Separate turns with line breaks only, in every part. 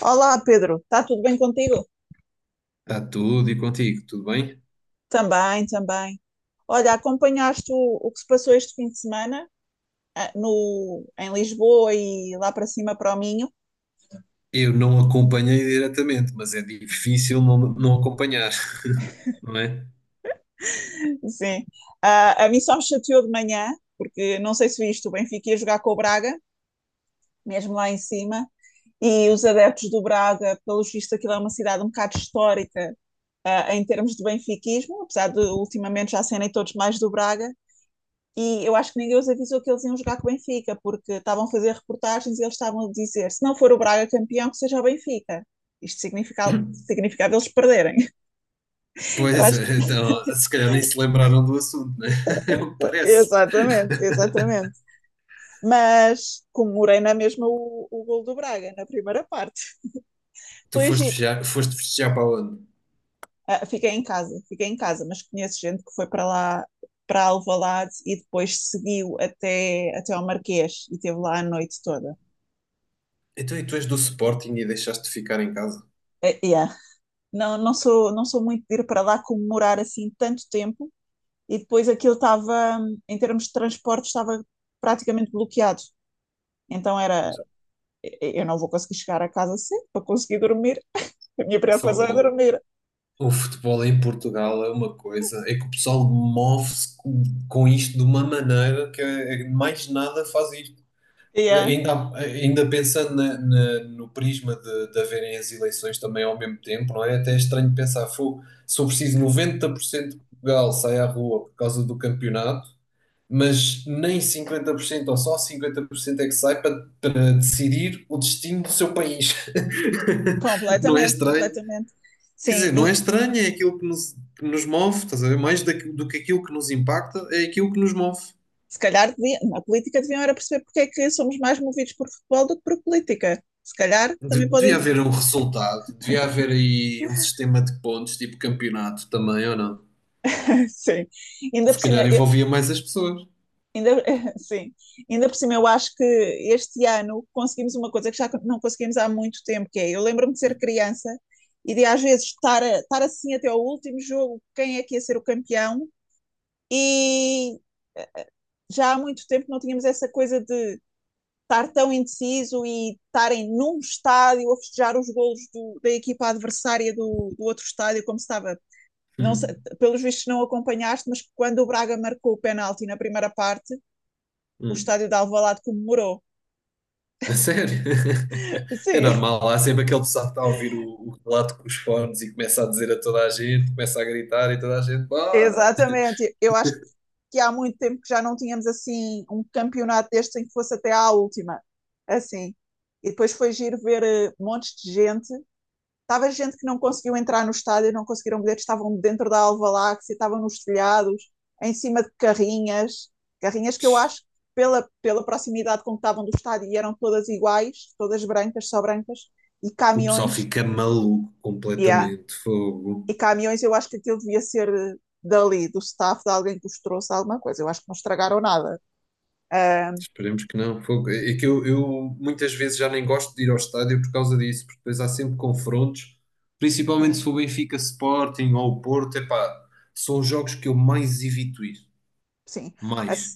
Olá, Pedro. Está tudo bem contigo?
Está tudo e contigo, tudo bem?
Também, também. Olha, acompanhaste o que se passou este fim de semana, ah, no, em Lisboa e lá para cima para o Minho?
Eu não acompanhei diretamente, mas é difícil não acompanhar, não é?
Sim. A mim só me chateou de manhã, porque não sei se viste, o Benfica ia jogar com o Braga, mesmo lá em cima, e os adeptos do Braga, pelo visto, aquilo é uma cidade um bocado histórica, em termos de benfiquismo, apesar de ultimamente já serem todos mais do Braga. E eu acho que ninguém os avisou que eles iam jogar com o Benfica, porque estavam a fazer reportagens e eles estavam a dizer: se não for o Braga campeão, que seja o Benfica. Isto significava, significava eles perderem. Eu
Pois
acho que...
é, então, se calhar nem se lembraram do assunto, né? É o que parece.
Exatamente, exatamente. Mas comemorei na mesma o gol do Braga, na primeira parte.
Tu
Foi giro.
foste festejar para onde?
Ah, fiquei em casa, mas conheço gente que foi para lá, para Alvalade e depois seguiu até ao Marquês e esteve lá a noite toda.
Então, e tu és do Sporting e deixaste de ficar em casa?
Yeah. Não, não sou muito de ir para lá comemorar assim tanto tempo. E depois aquilo estava, em termos de transporte, estava praticamente bloqueado. Então era, eu não vou conseguir chegar a casa cedo para conseguir dormir. A minha
Por
preocupação é
favor,
dormir.
o futebol em Portugal é uma coisa, é que o pessoal move-se com isto de uma maneira que é que mais nada faz isto.
Yeah,
Ainda pensando no prisma de haverem as eleições também ao mesmo tempo, não é? Até é estranho pensar, fogo, se eu preciso 90% de Portugal sai à rua por causa do campeonato, mas nem 50% ou só 50% é que sai para decidir o destino do seu país. Não é
completamente,
estranho?
completamente.
Quer
Sim,
dizer, não é
e
estranho, é aquilo que que nos move, estás a ver? Mais do que aquilo que nos impacta, é aquilo que nos move.
se calhar devia, na política deviam era perceber porque é que somos mais movidos por futebol do que por política. Se calhar também
Devia
podem.
haver um resultado, devia haver aí um sistema de pontos, tipo campeonato também, ou não?
Sim. Ainda
Se
por cima,
calhar envolvia mais as pessoas.
Ainda, sim, ainda por cima, eu acho que este ano conseguimos uma coisa que já não conseguimos há muito tempo, que é, eu lembro-me de ser criança e de às vezes estar, estar assim até ao último jogo, quem é que ia ser o campeão, e eh, já há muito tempo não tínhamos essa coisa de estar tão indeciso e estarem num estádio a festejar os golos da equipa adversária do outro estádio, como se estava. Não sei,
Hum,
pelos vistos não acompanhaste, mas quando o Braga marcou o penalti na primeira parte, o
hum.
estádio de Alvalade comemorou.
A sério? É
Sim,
normal, há sempre aquele pessoal que está a ouvir o relato com os fones e começa a dizer a toda a gente, começa a gritar e toda a gente, bora!
exatamente. Eu acho que há muito tempo que já não tínhamos assim um campeonato deste em que fosse até à última. Assim. E depois foi giro ver montes de gente. Estava gente que não conseguiu entrar no estádio, não conseguiram bilhetes, estavam dentro da Alvaláxia, estavam nos telhados, em cima de carrinhas. Carrinhas que eu acho, que pela proximidade com que estavam do estádio, eram todas iguais, todas brancas, só brancas, e
O pessoal
caminhões.
fica maluco
Yeah.
completamente, fogo.
E caminhões, eu acho que aquilo devia ser dali, do staff, de alguém que os trouxe alguma coisa. Eu acho que não estragaram nada. Ah,
Esperemos que não. Fogo. É que eu muitas vezes já nem gosto de ir ao estádio por causa disso, porque depois há sempre confrontos, principalmente se
sim,
for Benfica Sporting ou o Porto, epá, são os jogos que eu mais evito ir.
sim. A,
Mais.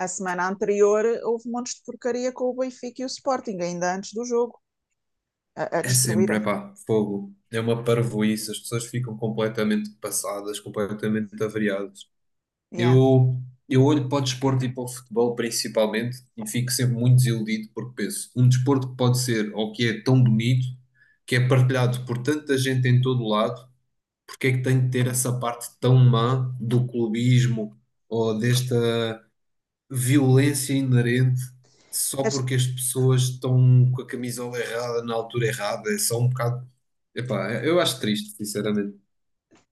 a semana anterior houve montes de porcaria com o Benfica e o Sporting, ainda antes do jogo, a
É sempre,
destruírem.
epá, fogo. É uma parvoíce, as pessoas ficam completamente passadas, completamente avariadas.
Yeah.
Eu, eu olho para o desporto e para o futebol principalmente e fico sempre muito desiludido porque penso, um desporto que pode ser ou que é tão bonito, que é partilhado por tanta gente em todo o lado, porque é que tem de ter essa parte tão má do clubismo ou desta violência inerente só
As,
porque as pessoas estão com a camisola errada na altura errada? É só um bocado. Epá, eu acho triste, sinceramente.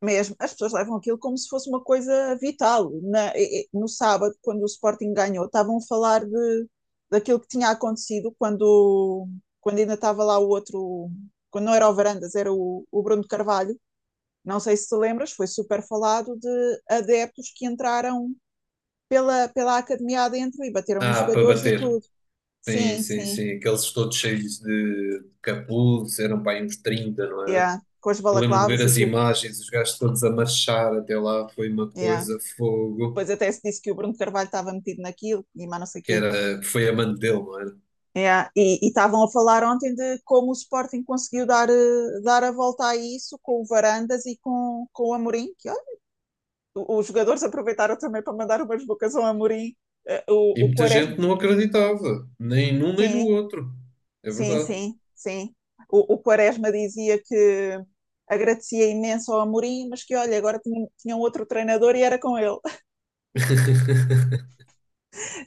mesmo, as pessoas levam aquilo como se fosse uma coisa vital. No sábado, quando o Sporting ganhou, estavam a falar daquilo que tinha acontecido quando, ainda estava lá o outro, quando não era o Varandas, era o Bruno Carvalho. Não sei se te lembras, foi super falado de adeptos que entraram pela academia adentro e bateram em
Ah, para
jogadores e
bater.
tudo.
Sim,
Sim,
sim,
sim.
sim. Aqueles todos cheios de capuz, eram para aí uns 30, não é?
Yeah. Com as
Eu lembro de ver
balaclavas e
as
tudo.
imagens, os gajos todos a marchar até lá, foi uma
Yeah.
coisa, fogo,
Depois até se disse que o Bruno Carvalho estava metido naquilo e mais não sei o
que
quê.
era, que foi a mano dele, não era?
Yeah. E estavam a falar ontem de como o Sporting conseguiu dar a volta a isso com o Varandas e com o Amorim. Que, olha, os jogadores aproveitaram também para mandar umas bocas ao Amorim. eh,
E
o, o
muita
Quaresma,
gente não acreditava, nem num nem no
sim.
outro. É
Sim,
verdade.
sim, sim. O Quaresma dizia que agradecia imenso ao Amorim, mas que olha, agora tinha um outro treinador e era com ele.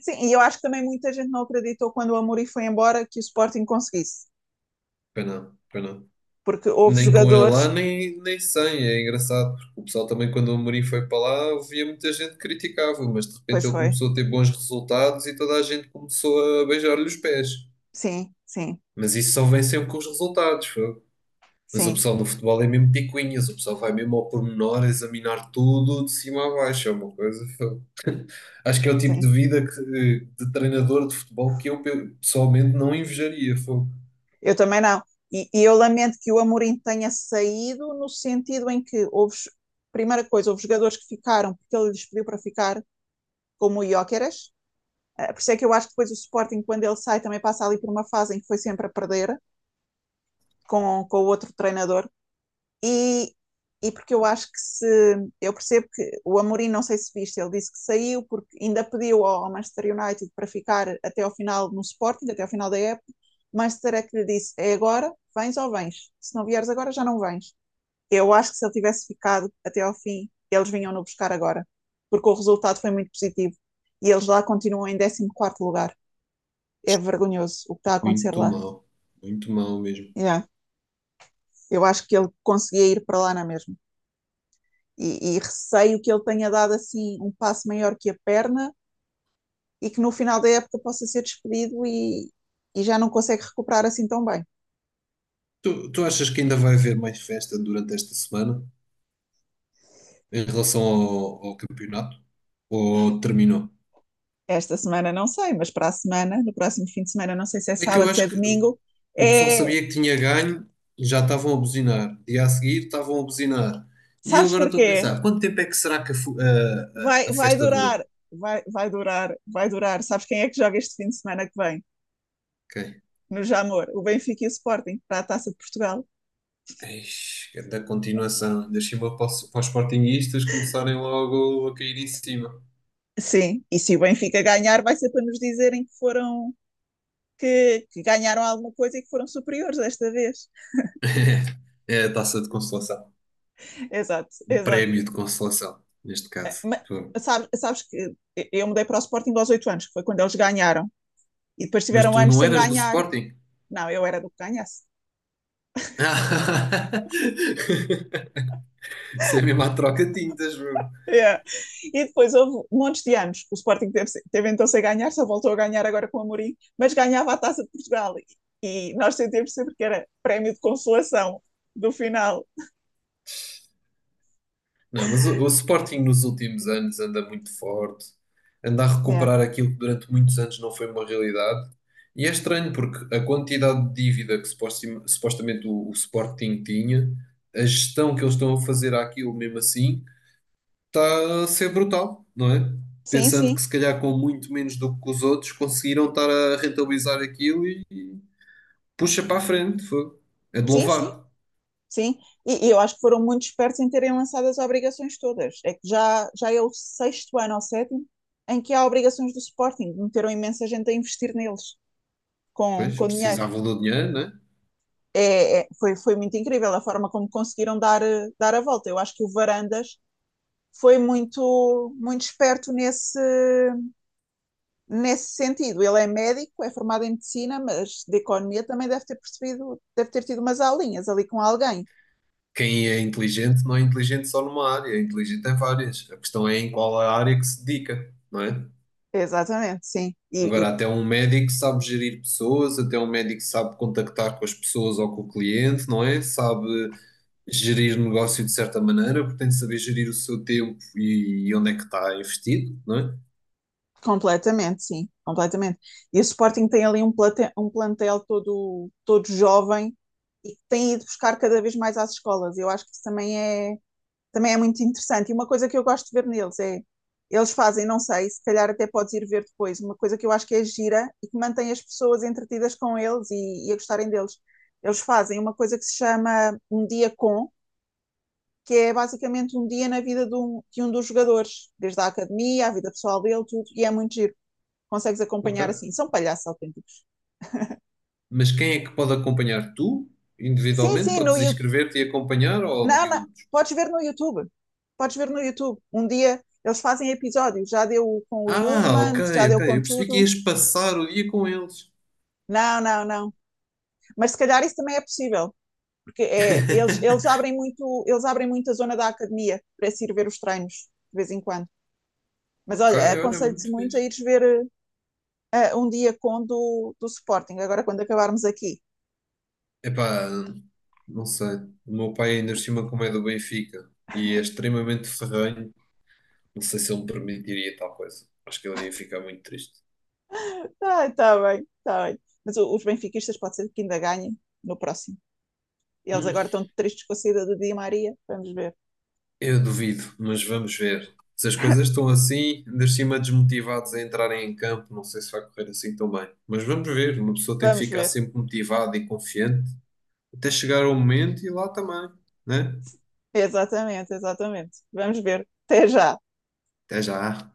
Sim, e eu acho que também muita gente não acreditou quando o Amorim foi embora que o Sporting conseguisse,
Pois não, pois não.
porque houve
Nem com ele lá,
jogadores,
nem sem. É engraçado, porque o pessoal também, quando o Amorim foi para lá, ouvia muita gente que criticava, mas de
pois
repente ele
foi.
começou a ter bons resultados e toda a gente começou a beijar-lhe os pés.
Sim, sim,
Mas isso só vem sempre com os resultados, fogo. Mas o
sim,
pessoal do futebol é mesmo picuinhas, o pessoal vai mesmo ao pormenor examinar tudo de cima a baixo, é uma coisa. Fogo. Acho que é o tipo de
sim.
vida de treinador de futebol que eu pessoalmente não invejaria, fogo.
Eu também não. E eu lamento que o Amorim tenha saído no sentido em que houve, primeira coisa, houve jogadores que ficaram porque ele lhes pediu para ficar, como o Gyökeres. É. Por isso é que eu acho que depois o Sporting, quando ele sai, também passa ali por uma fase em que foi sempre a perder com o outro treinador. E, e porque eu acho que se. Eu percebo que o Amorim, não sei se viste, ele disse que saiu porque ainda pediu ao Manchester United para ficar até ao final no Sporting, até ao final da época. Manchester é que lhe disse: é agora, vens ou vens? Se não vieres agora, já não vens. Eu acho que se ele tivesse ficado até ao fim, eles vinham-no buscar agora, porque o resultado foi muito positivo e eles lá continuam em 14º lugar. É vergonhoso o que está a acontecer
Muito
lá.
mal, muito mal mesmo.
Yeah. Eu acho que ele conseguia ir para lá na mesma. E receio que ele tenha dado assim um passo maior que a perna e que no final da época possa ser despedido e já não consegue recuperar assim tão bem.
Tu achas que ainda vai haver mais festa durante esta semana em relação ao campeonato? Ou terminou?
Esta semana não sei, mas para a semana, no próximo fim de semana, não sei se é
É que eu
sábado, se é
acho que
domingo,
o pessoal
é.
sabia que tinha ganho e já estavam a buzinar. Dia a seguir estavam a buzinar. E eu
Sabes
agora estou a
porquê?
pensar, quanto tempo é que será que a, fu-
Vai,
a
vai
festa dura?
durar, vai, vai durar, vai durar. Sabes quem é que joga este fim de semana que vem?
Ok.
No Jamor, o Benfica e o Sporting, para a Taça de Portugal.
Eish, que é da continuação. Deixa-me para, para os sportinguistas começarem logo a cair em cima.
Sim, e se o Benfica ganhar, vai ser para nos dizerem que que ganharam alguma coisa e que foram superiores desta vez.
É a taça de consolação.
Exato,
O
exato.
prémio de consolação, neste caso.
Mas,
Pô.
sabes que eu mudei para o Sporting aos 8 anos, que foi quando eles ganharam, e depois
Mas
tiveram
tu
anos
não
sem
eras do
ganhar.
Sporting?
Não, eu era do que ganhasse.
Isso é mesmo a troca-tintas.
Yeah. E depois houve montes de anos que o Sporting teve então sem ganhar, só voltou a ganhar agora com o Amorim, mas ganhava a Taça de Portugal e nós sentimos sempre que era prémio de consolação do final.
Não, mas o Sporting nos últimos anos anda muito forte, anda a
Yeah.
recuperar aquilo que durante muitos anos não foi uma realidade. E é estranho porque a quantidade de dívida que supostamente o Sporting tinha, a gestão que eles estão a fazer àquilo mesmo assim, está a ser brutal, não é?
Sim,
Pensando que
sim,
se calhar com muito menos do que os outros conseguiram estar a rentabilizar aquilo e puxa para a frente, foi. É de
sim, sim.
louvar.
Sim, e eu acho que foram muito espertos em terem lançado as obrigações todas. É que já é o sexto ano ou sétimo em que há obrigações do Sporting. Meteram imensa gente a investir neles com,
Pois,
com dinheiro.
precisavam do dinheiro, né?
Foi muito incrível a forma como conseguiram dar a volta. Eu acho que o Varandas foi muito, muito esperto nesse sentido. Ele é médico, é formado em medicina, mas de economia também deve ter percebido, deve ter tido umas aulinhas ali com alguém.
Quem é inteligente não é inteligente só numa área, é inteligente em várias. A questão é em qual a área que se dedica, não é?
Exatamente, sim.
Agora, até um médico sabe gerir pessoas, até um médico sabe contactar com as pessoas ou com o cliente, não é? Sabe gerir negócio de certa maneira, porque tem de saber gerir o seu tempo e onde é que está investido, não é?
Completamente, sim, completamente. E o Sporting tem ali um plantel todo, todo jovem e que tem ido buscar cada vez mais às escolas. Eu acho que isso também é muito interessante. E uma coisa que eu gosto de ver neles é, eles fazem, não sei, se calhar até podes ir ver depois, uma coisa que eu acho que é gira e que mantém as pessoas entretidas com eles e a gostarem deles. Eles fazem uma coisa que se chama Um Dia Com, que é basicamente um dia na vida de um, dos jogadores, desde a academia, à vida pessoal dele, tudo, e é muito giro consegues acompanhar
Ok.
assim. São palhaços autênticos.
Mas quem é que pode acompanhar? Tu,
Sim,
individualmente,
sim, no
podes
YouTube.
inscrever-te e acompanhar ou
Não, não.
miúdos?
Podes ver no YouTube. Podes ver no YouTube. Um dia eles fazem episódios. Já deu com o
Ah, ok,
Yulman, já deu
ok.
com
Eu percebi que
tudo.
ias passar o dia com eles.
Não, não, não. Mas se calhar isso também é possível, porque é, eles, eles abrem muito, eles abrem muito a zona da academia para se ir ver os treinos de vez em quando. Mas
Ok,
olha,
olha,
aconselho-te
muito
muito a
fixe.
ires ver um dia com do Sporting, agora quando acabarmos aqui.
Epá, não sei. O meu pai ainda por cima como é do Benfica e é extremamente ferrenho. Não sei se ele me permitiria tal coisa. Acho que ele ia ficar muito triste.
Tá, tá bem, tá bem. Mas os benfiquistas pode ser que ainda ganhem no próximo. Eles
Hum,
agora estão tristes com a saída do Di Maria. Vamos ver.
eu duvido, mas vamos ver. Se as coisas estão assim, ainda por cima desmotivados a entrarem em campo, não sei se vai correr assim tão bem. Mas vamos ver, uma pessoa tem de
Vamos
ficar
ver.
sempre motivada e confiante até chegar ao momento e lá também, né?
Exatamente, exatamente. Vamos ver. Até já.
Até já.